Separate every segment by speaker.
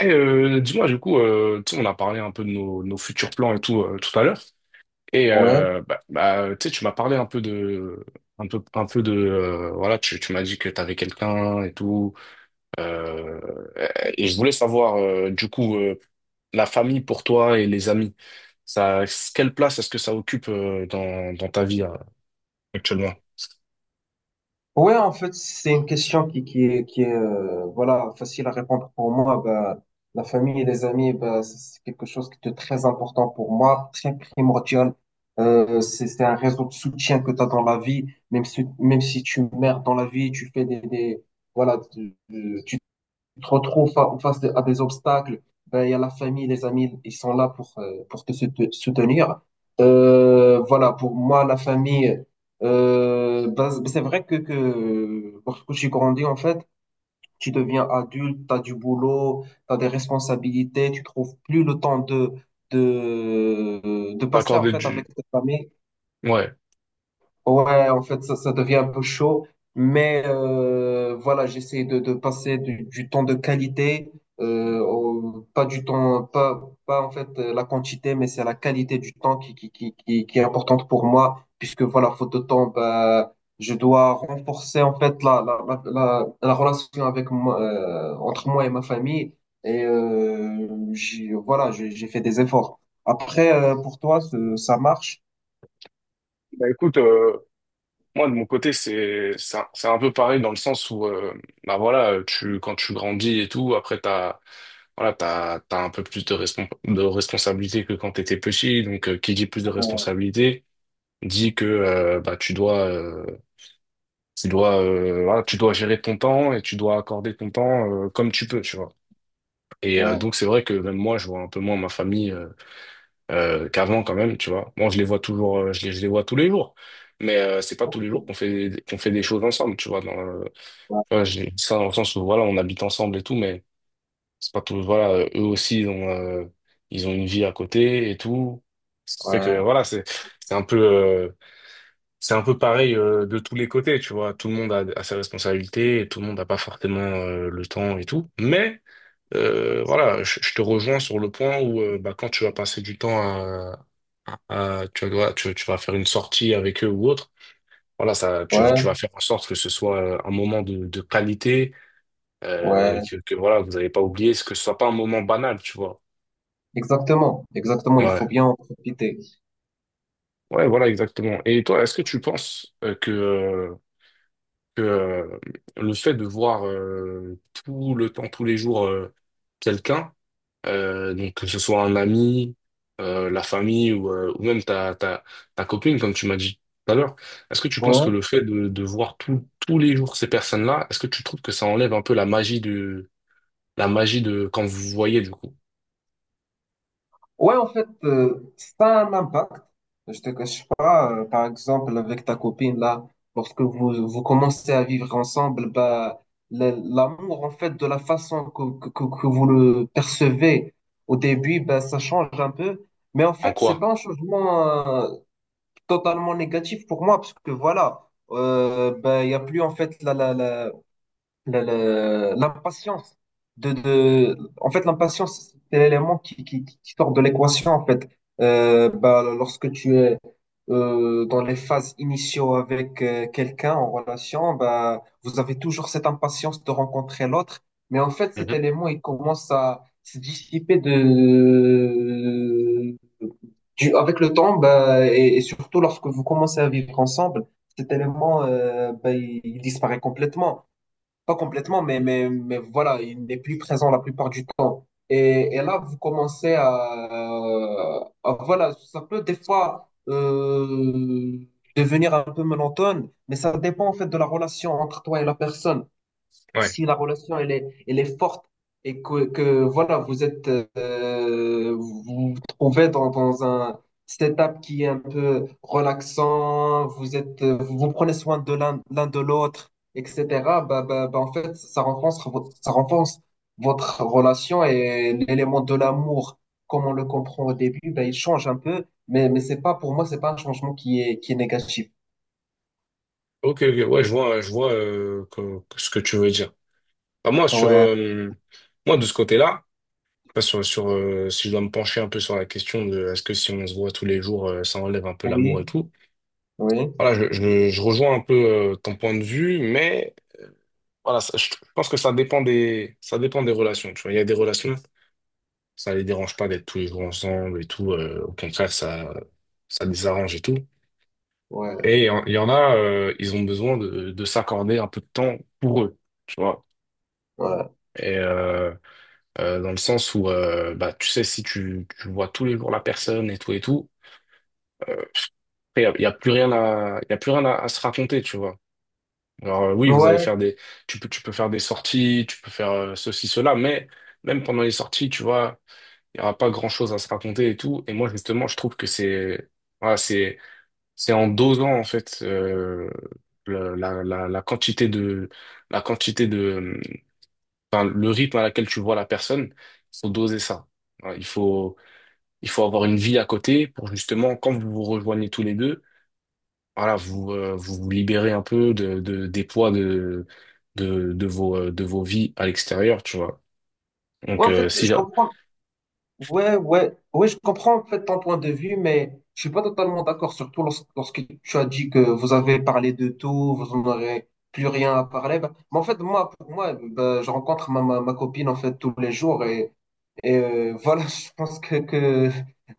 Speaker 1: Eh, dis-moi, du coup, tu sais, on a parlé un peu de nos futurs plans et tout tout à l'heure. Et
Speaker 2: Ouais,
Speaker 1: tu sais, tu m'as parlé un peu de, voilà, tu m'as dit que tu avais quelqu'un et tout. Euh, et je voulais savoir, du coup, la famille pour toi et les amis, ça, quelle place est-ce que ça occupe dans ta vie actuellement?
Speaker 2: ouais, en fait, c'est une question qui est voilà, facile à répondre pour moi. Bah, la famille et les amis, bah, c'est quelque chose qui est très important pour moi, très primordial. C'est un réseau de soutien que tu as dans la vie, même si tu meurs dans la vie, tu fais des voilà, tu te retrouves face à des obstacles, ben, il y a la famille, les amis, ils sont là pour te soutenir. Voilà, pour moi, la famille, ben, c'est vrai que lorsque tu grandis, en fait, tu deviens adulte, tu as du boulot, tu as des responsabilités, tu trouves plus le temps de passer, en
Speaker 1: D'accorder
Speaker 2: fait,
Speaker 1: du,
Speaker 2: avec ta famille.
Speaker 1: ouais.
Speaker 2: Ouais, en fait, ça devient un peu chaud, mais voilà, j'essaie de passer du temps de qualité, pas du temps, pas en fait la quantité, mais c'est la qualité du temps qui est importante pour moi, puisque voilà, faute de temps, bah, je dois renforcer en fait la relation avec moi, entre moi et ma famille, et voilà, j'ai fait des efforts. Après, pour toi, ça marche?
Speaker 1: Bah écoute, moi, de mon côté, c'est un peu pareil dans le sens où, bah voilà, tu quand tu grandis et tout, après t'as voilà, t'as t'as un peu plus de responsabilité que quand t'étais petit. Donc, qui dit plus de
Speaker 2: Euh,
Speaker 1: responsabilité dit que bah tu dois voilà, tu dois gérer ton temps et tu dois accorder ton temps comme tu peux, tu vois. Et
Speaker 2: Ouais.
Speaker 1: donc c'est vrai que même moi, je vois un peu moins ma famille qu'avant quand même, tu vois. Moi, je les vois toujours, je les vois tous les jours, mais c'est pas tous les jours
Speaker 2: Ok.
Speaker 1: qu'on fait des choses ensemble, tu vois. Tu vois, j'ai dit ça dans le sens où voilà, on habite ensemble et tout, mais c'est pas tous. Voilà, eux aussi ils ont ils ont une vie à côté et tout. Ça fait que
Speaker 2: Ouais,
Speaker 1: voilà, c'est un peu c'est un peu pareil de tous les côtés, tu vois. Tout le monde a ses responsabilités, et tout le monde n'a pas forcément le temps et tout, mais voilà, je te rejoins sur le point où bah, quand tu vas passer du temps à, tu vas faire une sortie avec eux ou autre. Voilà, ça, tu,
Speaker 2: ouais,
Speaker 1: tu vas faire en sorte que ce soit un moment de qualité,
Speaker 2: ouais.
Speaker 1: que voilà, vous n'allez pas oublier, ce que ce soit pas un moment banal, tu vois.
Speaker 2: Exactement, exactement. Il
Speaker 1: Ouais,
Speaker 2: faut bien en profiter.
Speaker 1: ouais, voilà, exactement. Et toi, est-ce que tu penses que le fait de voir tout le temps, tous les jours, quelqu'un, donc que ce soit un ami, la famille ou même ta copine, comme tu m'as dit tout à l'heure, est-ce que tu penses que
Speaker 2: Ouais.
Speaker 1: le fait de voir tous les jours ces personnes-là, est-ce que tu trouves que ça enlève un peu la magie de quand vous vous voyez du coup?
Speaker 2: Ouais, en fait, ça a un impact. Je te cache pas, par exemple, avec ta copine, là, lorsque vous commencez à vivre ensemble, bah, l'amour, en fait, de la façon que vous le percevez au début, bah, ça change un peu. Mais en
Speaker 1: En
Speaker 2: fait, c'est
Speaker 1: quoi?
Speaker 2: pas un changement totalement négatif pour moi parce que voilà, ben, il n'y a plus en fait l'impatience de en fait l'impatience c'est l'élément qui sort de l'équation en fait. Bah, lorsque tu es dans les phases initiaux avec quelqu'un en relation, bah, vous avez toujours cette impatience de rencontrer l'autre, mais en fait cet
Speaker 1: Mhm.
Speaker 2: élément il commence à se dissiper avec le temps, bah, et surtout lorsque vous commencez à vivre ensemble cet élément, bah, il disparaît complètement, pas complètement, mais voilà, il n'est plus présent la plupart du temps. Et là, vous commencez voilà, ça peut des fois devenir un peu monotone, mais ça dépend en fait de la relation entre toi et la personne.
Speaker 1: Ouais.
Speaker 2: Si la relation elle est forte et voilà, vous êtes vous vous trouvez dans un setup qui est un peu relaxant, vous êtes vous vous prenez soin de l'un l'un de l'autre, etc. Bah, en fait, ça ça renforce votre relation et l'élément de l'amour, comme on le comprend au début, bah, il change un peu, mais c'est pas pour moi, c'est pas un changement qui est négatif.
Speaker 1: Ok, ok, ouais, je vois ce que tu veux dire. Bah, moi, sur
Speaker 2: Ouais,
Speaker 1: moi de ce côté-là, pas sur, sur si je dois me pencher un peu sur la question de est-ce que si on se voit tous les jours, ça enlève un peu l'amour et
Speaker 2: oui,
Speaker 1: tout.
Speaker 2: oui,
Speaker 1: Voilà, je rejoins un peu ton point de vue, mais voilà, je pense que ça dépend des relations. Tu vois, il y a des relations, ça les dérange pas d'être tous les jours ensemble et tout. Au contraire, ça les arrange et tout.
Speaker 2: ouais,
Speaker 1: Et il y en a, ils ont besoin de s'accorder un peu de temps pour eux, tu vois.
Speaker 2: ouais.
Speaker 1: Et dans le sens où, bah, tu sais, si tu vois tous les jours la personne et tout, y a plus rien à, y a plus rien à à se raconter, tu vois. Alors oui, vous allez
Speaker 2: Ouais.
Speaker 1: faire des, tu peux faire des sorties, tu peux faire ceci, cela, mais même pendant les sorties, tu vois, il n'y aura pas grand-chose à se raconter et tout. Et moi, justement, je trouve que voilà, c'est, c'est en dosant en fait la quantité de, enfin, le rythme à laquelle tu vois la personne, il faut doser ça. Voilà, il faut avoir une vie à côté pour justement quand vous vous rejoignez tous les deux voilà, vous, vous vous libérez un peu des poids de vos vies à l'extérieur, tu vois.
Speaker 2: Ouais,
Speaker 1: Donc,
Speaker 2: en fait,
Speaker 1: si,
Speaker 2: je
Speaker 1: ja-,
Speaker 2: comprends. Ouais, je comprends en fait ton point de vue, mais je suis pas totalement d'accord, surtout lorsque tu as dit que vous avez parlé de tout, vous n'aurez plus rien à parler. Bah, mais en fait, moi, pour moi, bah, je rencontre ma copine en fait tous les jours et voilà, je pense que, que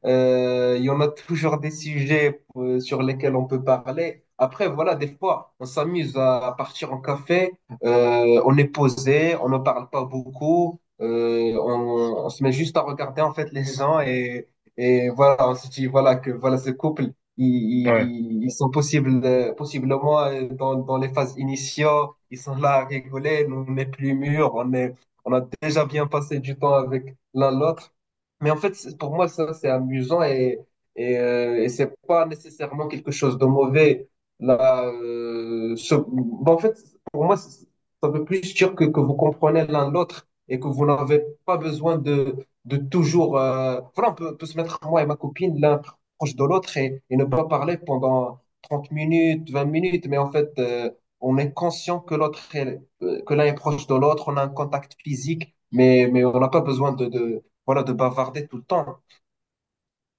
Speaker 2: euh, il y en a toujours des sujets sur lesquels on peut parler. Après, voilà, des fois, on s'amuse à partir en café, on est posé, on ne parle pas beaucoup, on se met juste à regarder en fait les gens et voilà, on se dit voilà que voilà ce couple, ils,
Speaker 1: ouais.
Speaker 2: ils sont possibles, possiblement dans les phases initiaux, ils sont là à rigoler, nous on est plus mûrs, on a déjà bien passé du temps avec l'un l'autre. Mais en fait, pour moi, ça, c'est amusant et c'est pas nécessairement quelque chose de mauvais. Là, bon, en fait, pour moi, ça veut plus dire que vous comprenez l'un l'autre et que vous n'avez pas besoin de toujours. Voilà, on peut se mettre, moi et ma copine, l'un proche de l'autre et ne pas parler pendant 30 minutes, 20 minutes, mais en fait, on est conscient que l'autre est, que l'un est proche de l'autre, on a un contact physique, mais on n'a pas besoin voilà, de bavarder tout le temps.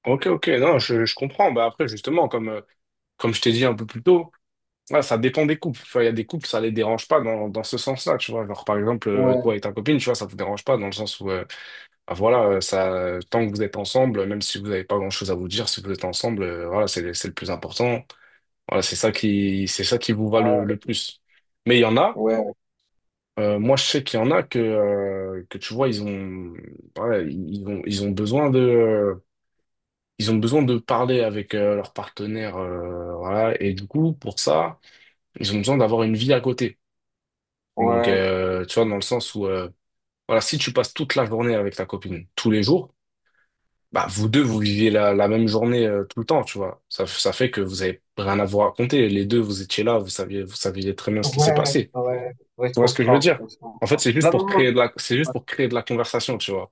Speaker 1: Ok, ok, non, je comprends. Bah après, justement, comme je t'ai dit un peu plus tôt, ouais, ça dépend des couples. Tu Il y a des couples, ça les dérange pas dans ce sens-là, tu vois. Genre, par exemple,
Speaker 2: Ouais,
Speaker 1: toi et ta copine, tu vois, ça vous dérange pas dans le sens où, bah, voilà, ça, tant que vous êtes ensemble, même si vous n'avez pas grand-chose à vous dire, si vous êtes ensemble, voilà, c'est le plus important. Voilà, c'est ça qui vous va
Speaker 2: ouais,
Speaker 1: le plus. Mais il y en a.
Speaker 2: ouais,
Speaker 1: Moi, je sais qu'il y en a que, tu vois, ouais, ils ont besoin ils ont besoin de parler avec leur partenaire, voilà. Et du coup, pour ça, ils ont besoin d'avoir une vie à côté. Donc,
Speaker 2: ouais,
Speaker 1: tu vois, dans le sens où, voilà, si tu passes toute la journée avec ta copine, tous les jours, bah, vous deux, vous vivez la même journée tout le temps, tu vois. Ça fait que vous avez rien à vous raconter. Les deux, vous étiez là, vous saviez très bien ce qui s'est passé.
Speaker 2: ouais, je
Speaker 1: Tu vois ce que je veux
Speaker 2: comprends,
Speaker 1: dire?
Speaker 2: ouais, je
Speaker 1: En fait,
Speaker 2: comprends.
Speaker 1: c'est juste pour créer de la conversation, tu vois.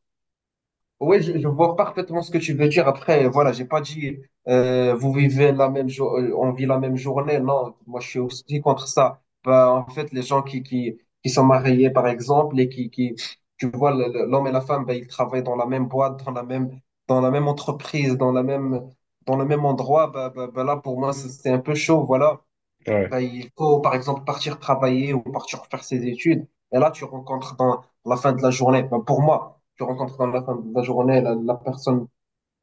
Speaker 2: Oui, je vois parfaitement ce que tu veux dire. Après, voilà, j'ai pas dit vous vivez la même jour, on vit la même journée. Non, moi je suis aussi contre ça. Bah, en fait, les gens qui sont mariés, par exemple, et qui tu vois l'homme et la femme, bah, ils travaillent dans la même boîte, dans la même entreprise, dans le même endroit. Bah, là, pour moi, c'est un peu chaud. Voilà,
Speaker 1: Ouais,
Speaker 2: ben, il faut, par exemple, partir travailler ou partir faire ses études. Et là, tu rencontres dans la fin de la journée, ben, pour moi, tu rencontres dans la fin de la journée la personne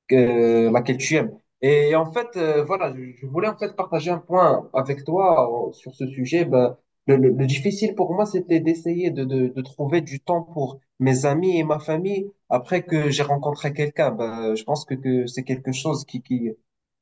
Speaker 2: laquelle tu aimes. Et en fait, voilà, je voulais en fait partager un point avec toi sur ce sujet. Ben, le difficile pour moi, c'était d'essayer de trouver du temps pour mes amis et ma famille après que j'ai rencontré quelqu'un. Ben, je pense que c'est quelque chose qui, qui,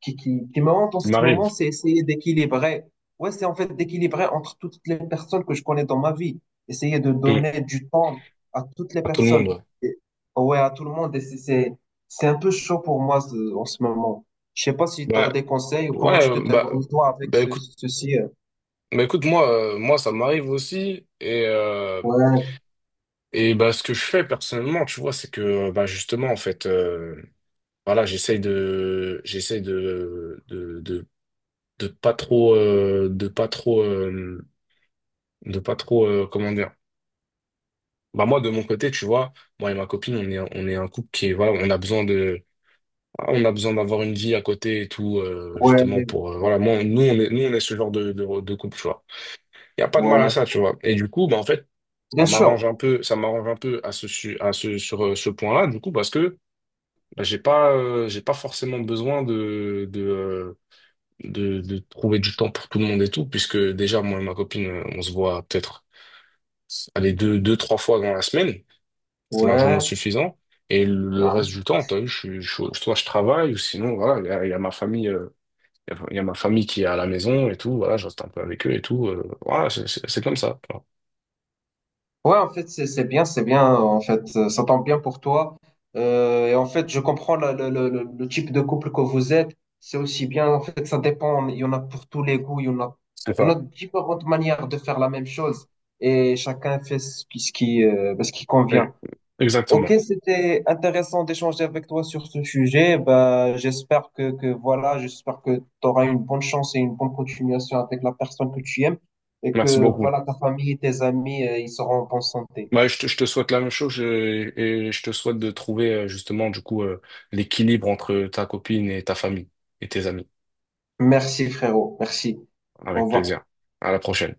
Speaker 2: qui, qui, qui me hante en
Speaker 1: ça
Speaker 2: ce moment,
Speaker 1: m'arrive.
Speaker 2: c'est essayer d'équilibrer. Ouais, c'est en fait d'équilibrer entre toutes les personnes que je connais dans ma vie. Essayer de
Speaker 1: Mm.
Speaker 2: donner du temps à toutes les
Speaker 1: À tout le monde,
Speaker 2: personnes.
Speaker 1: ouais.
Speaker 2: Et- ouais, à tout le monde. Et c'est un peu chaud pour moi en ce moment. Je sais pas si tu as
Speaker 1: Bah,
Speaker 2: des conseils ou comment
Speaker 1: ouais,
Speaker 2: tu te débrouilles toi avec
Speaker 1: bah écoute,
Speaker 2: ceci.
Speaker 1: bah écoute, moi, ça m'arrive aussi. Et, euh,
Speaker 2: Ouais,
Speaker 1: et bah, ce que je fais personnellement, tu vois, c'est que, bah, justement, en fait, voilà, j'essaye de, de pas trop, euh, de pas trop, euh, de pas trop, comment dire. Bah, moi, de mon côté, tu vois, moi et ma copine, on est un couple qui est, voilà, on a besoin d'avoir une vie à côté et tout,
Speaker 2: ouais,
Speaker 1: justement pour voilà,
Speaker 2: ouais,
Speaker 1: moi, nous on est ce genre de couple, tu vois. Il y a pas de mal à
Speaker 2: ouais.
Speaker 1: ça, tu vois. Et du coup, bah en fait,
Speaker 2: Bien sûr.
Speaker 1: ça m'arrange un peu à ce su- à ce sur ce point-là, du coup, parce que bah, j'ai pas forcément besoin de trouver du temps pour tout le monde et tout, puisque déjà moi et ma copine, on se voit peut-être allez deux deux trois fois dans la semaine, c'est largement
Speaker 2: Ouais,
Speaker 1: suffisant. Et le
Speaker 2: ouais.
Speaker 1: reste du temps, t'as vu, soit je travaille ou sinon voilà, il y a ma famille. Il y a ma famille qui est à la maison et tout, voilà, je reste un peu avec eux et tout. Voilà, c'est comme ça, tu vois.
Speaker 2: Ouais, en fait, c'est bien, c'est bien. En fait, ça tombe bien pour toi. Et en fait, je comprends le type de couple que vous êtes. C'est aussi bien. En fait, ça dépend. Il y en a pour tous les goûts.
Speaker 1: C'est
Speaker 2: Il y en a
Speaker 1: ça.
Speaker 2: différentes manières de faire la même chose. Et chacun fait ce qui, ben, ce qui
Speaker 1: Oui,
Speaker 2: convient.
Speaker 1: exactement.
Speaker 2: Ok, c'était intéressant d'échanger avec toi sur ce sujet. Bah, j'espère que tu auras une bonne chance et une bonne continuation avec la personne que tu aimes et
Speaker 1: Merci
Speaker 2: que
Speaker 1: beaucoup.
Speaker 2: voilà, ta famille et tes amis, ils seront en bonne santé.
Speaker 1: Bah, je te souhaite la même chose et je te souhaite de trouver justement du coup l'équilibre entre ta copine et ta famille et tes amis.
Speaker 2: Merci frérot, merci. Au
Speaker 1: Avec
Speaker 2: revoir.
Speaker 1: plaisir. À la prochaine.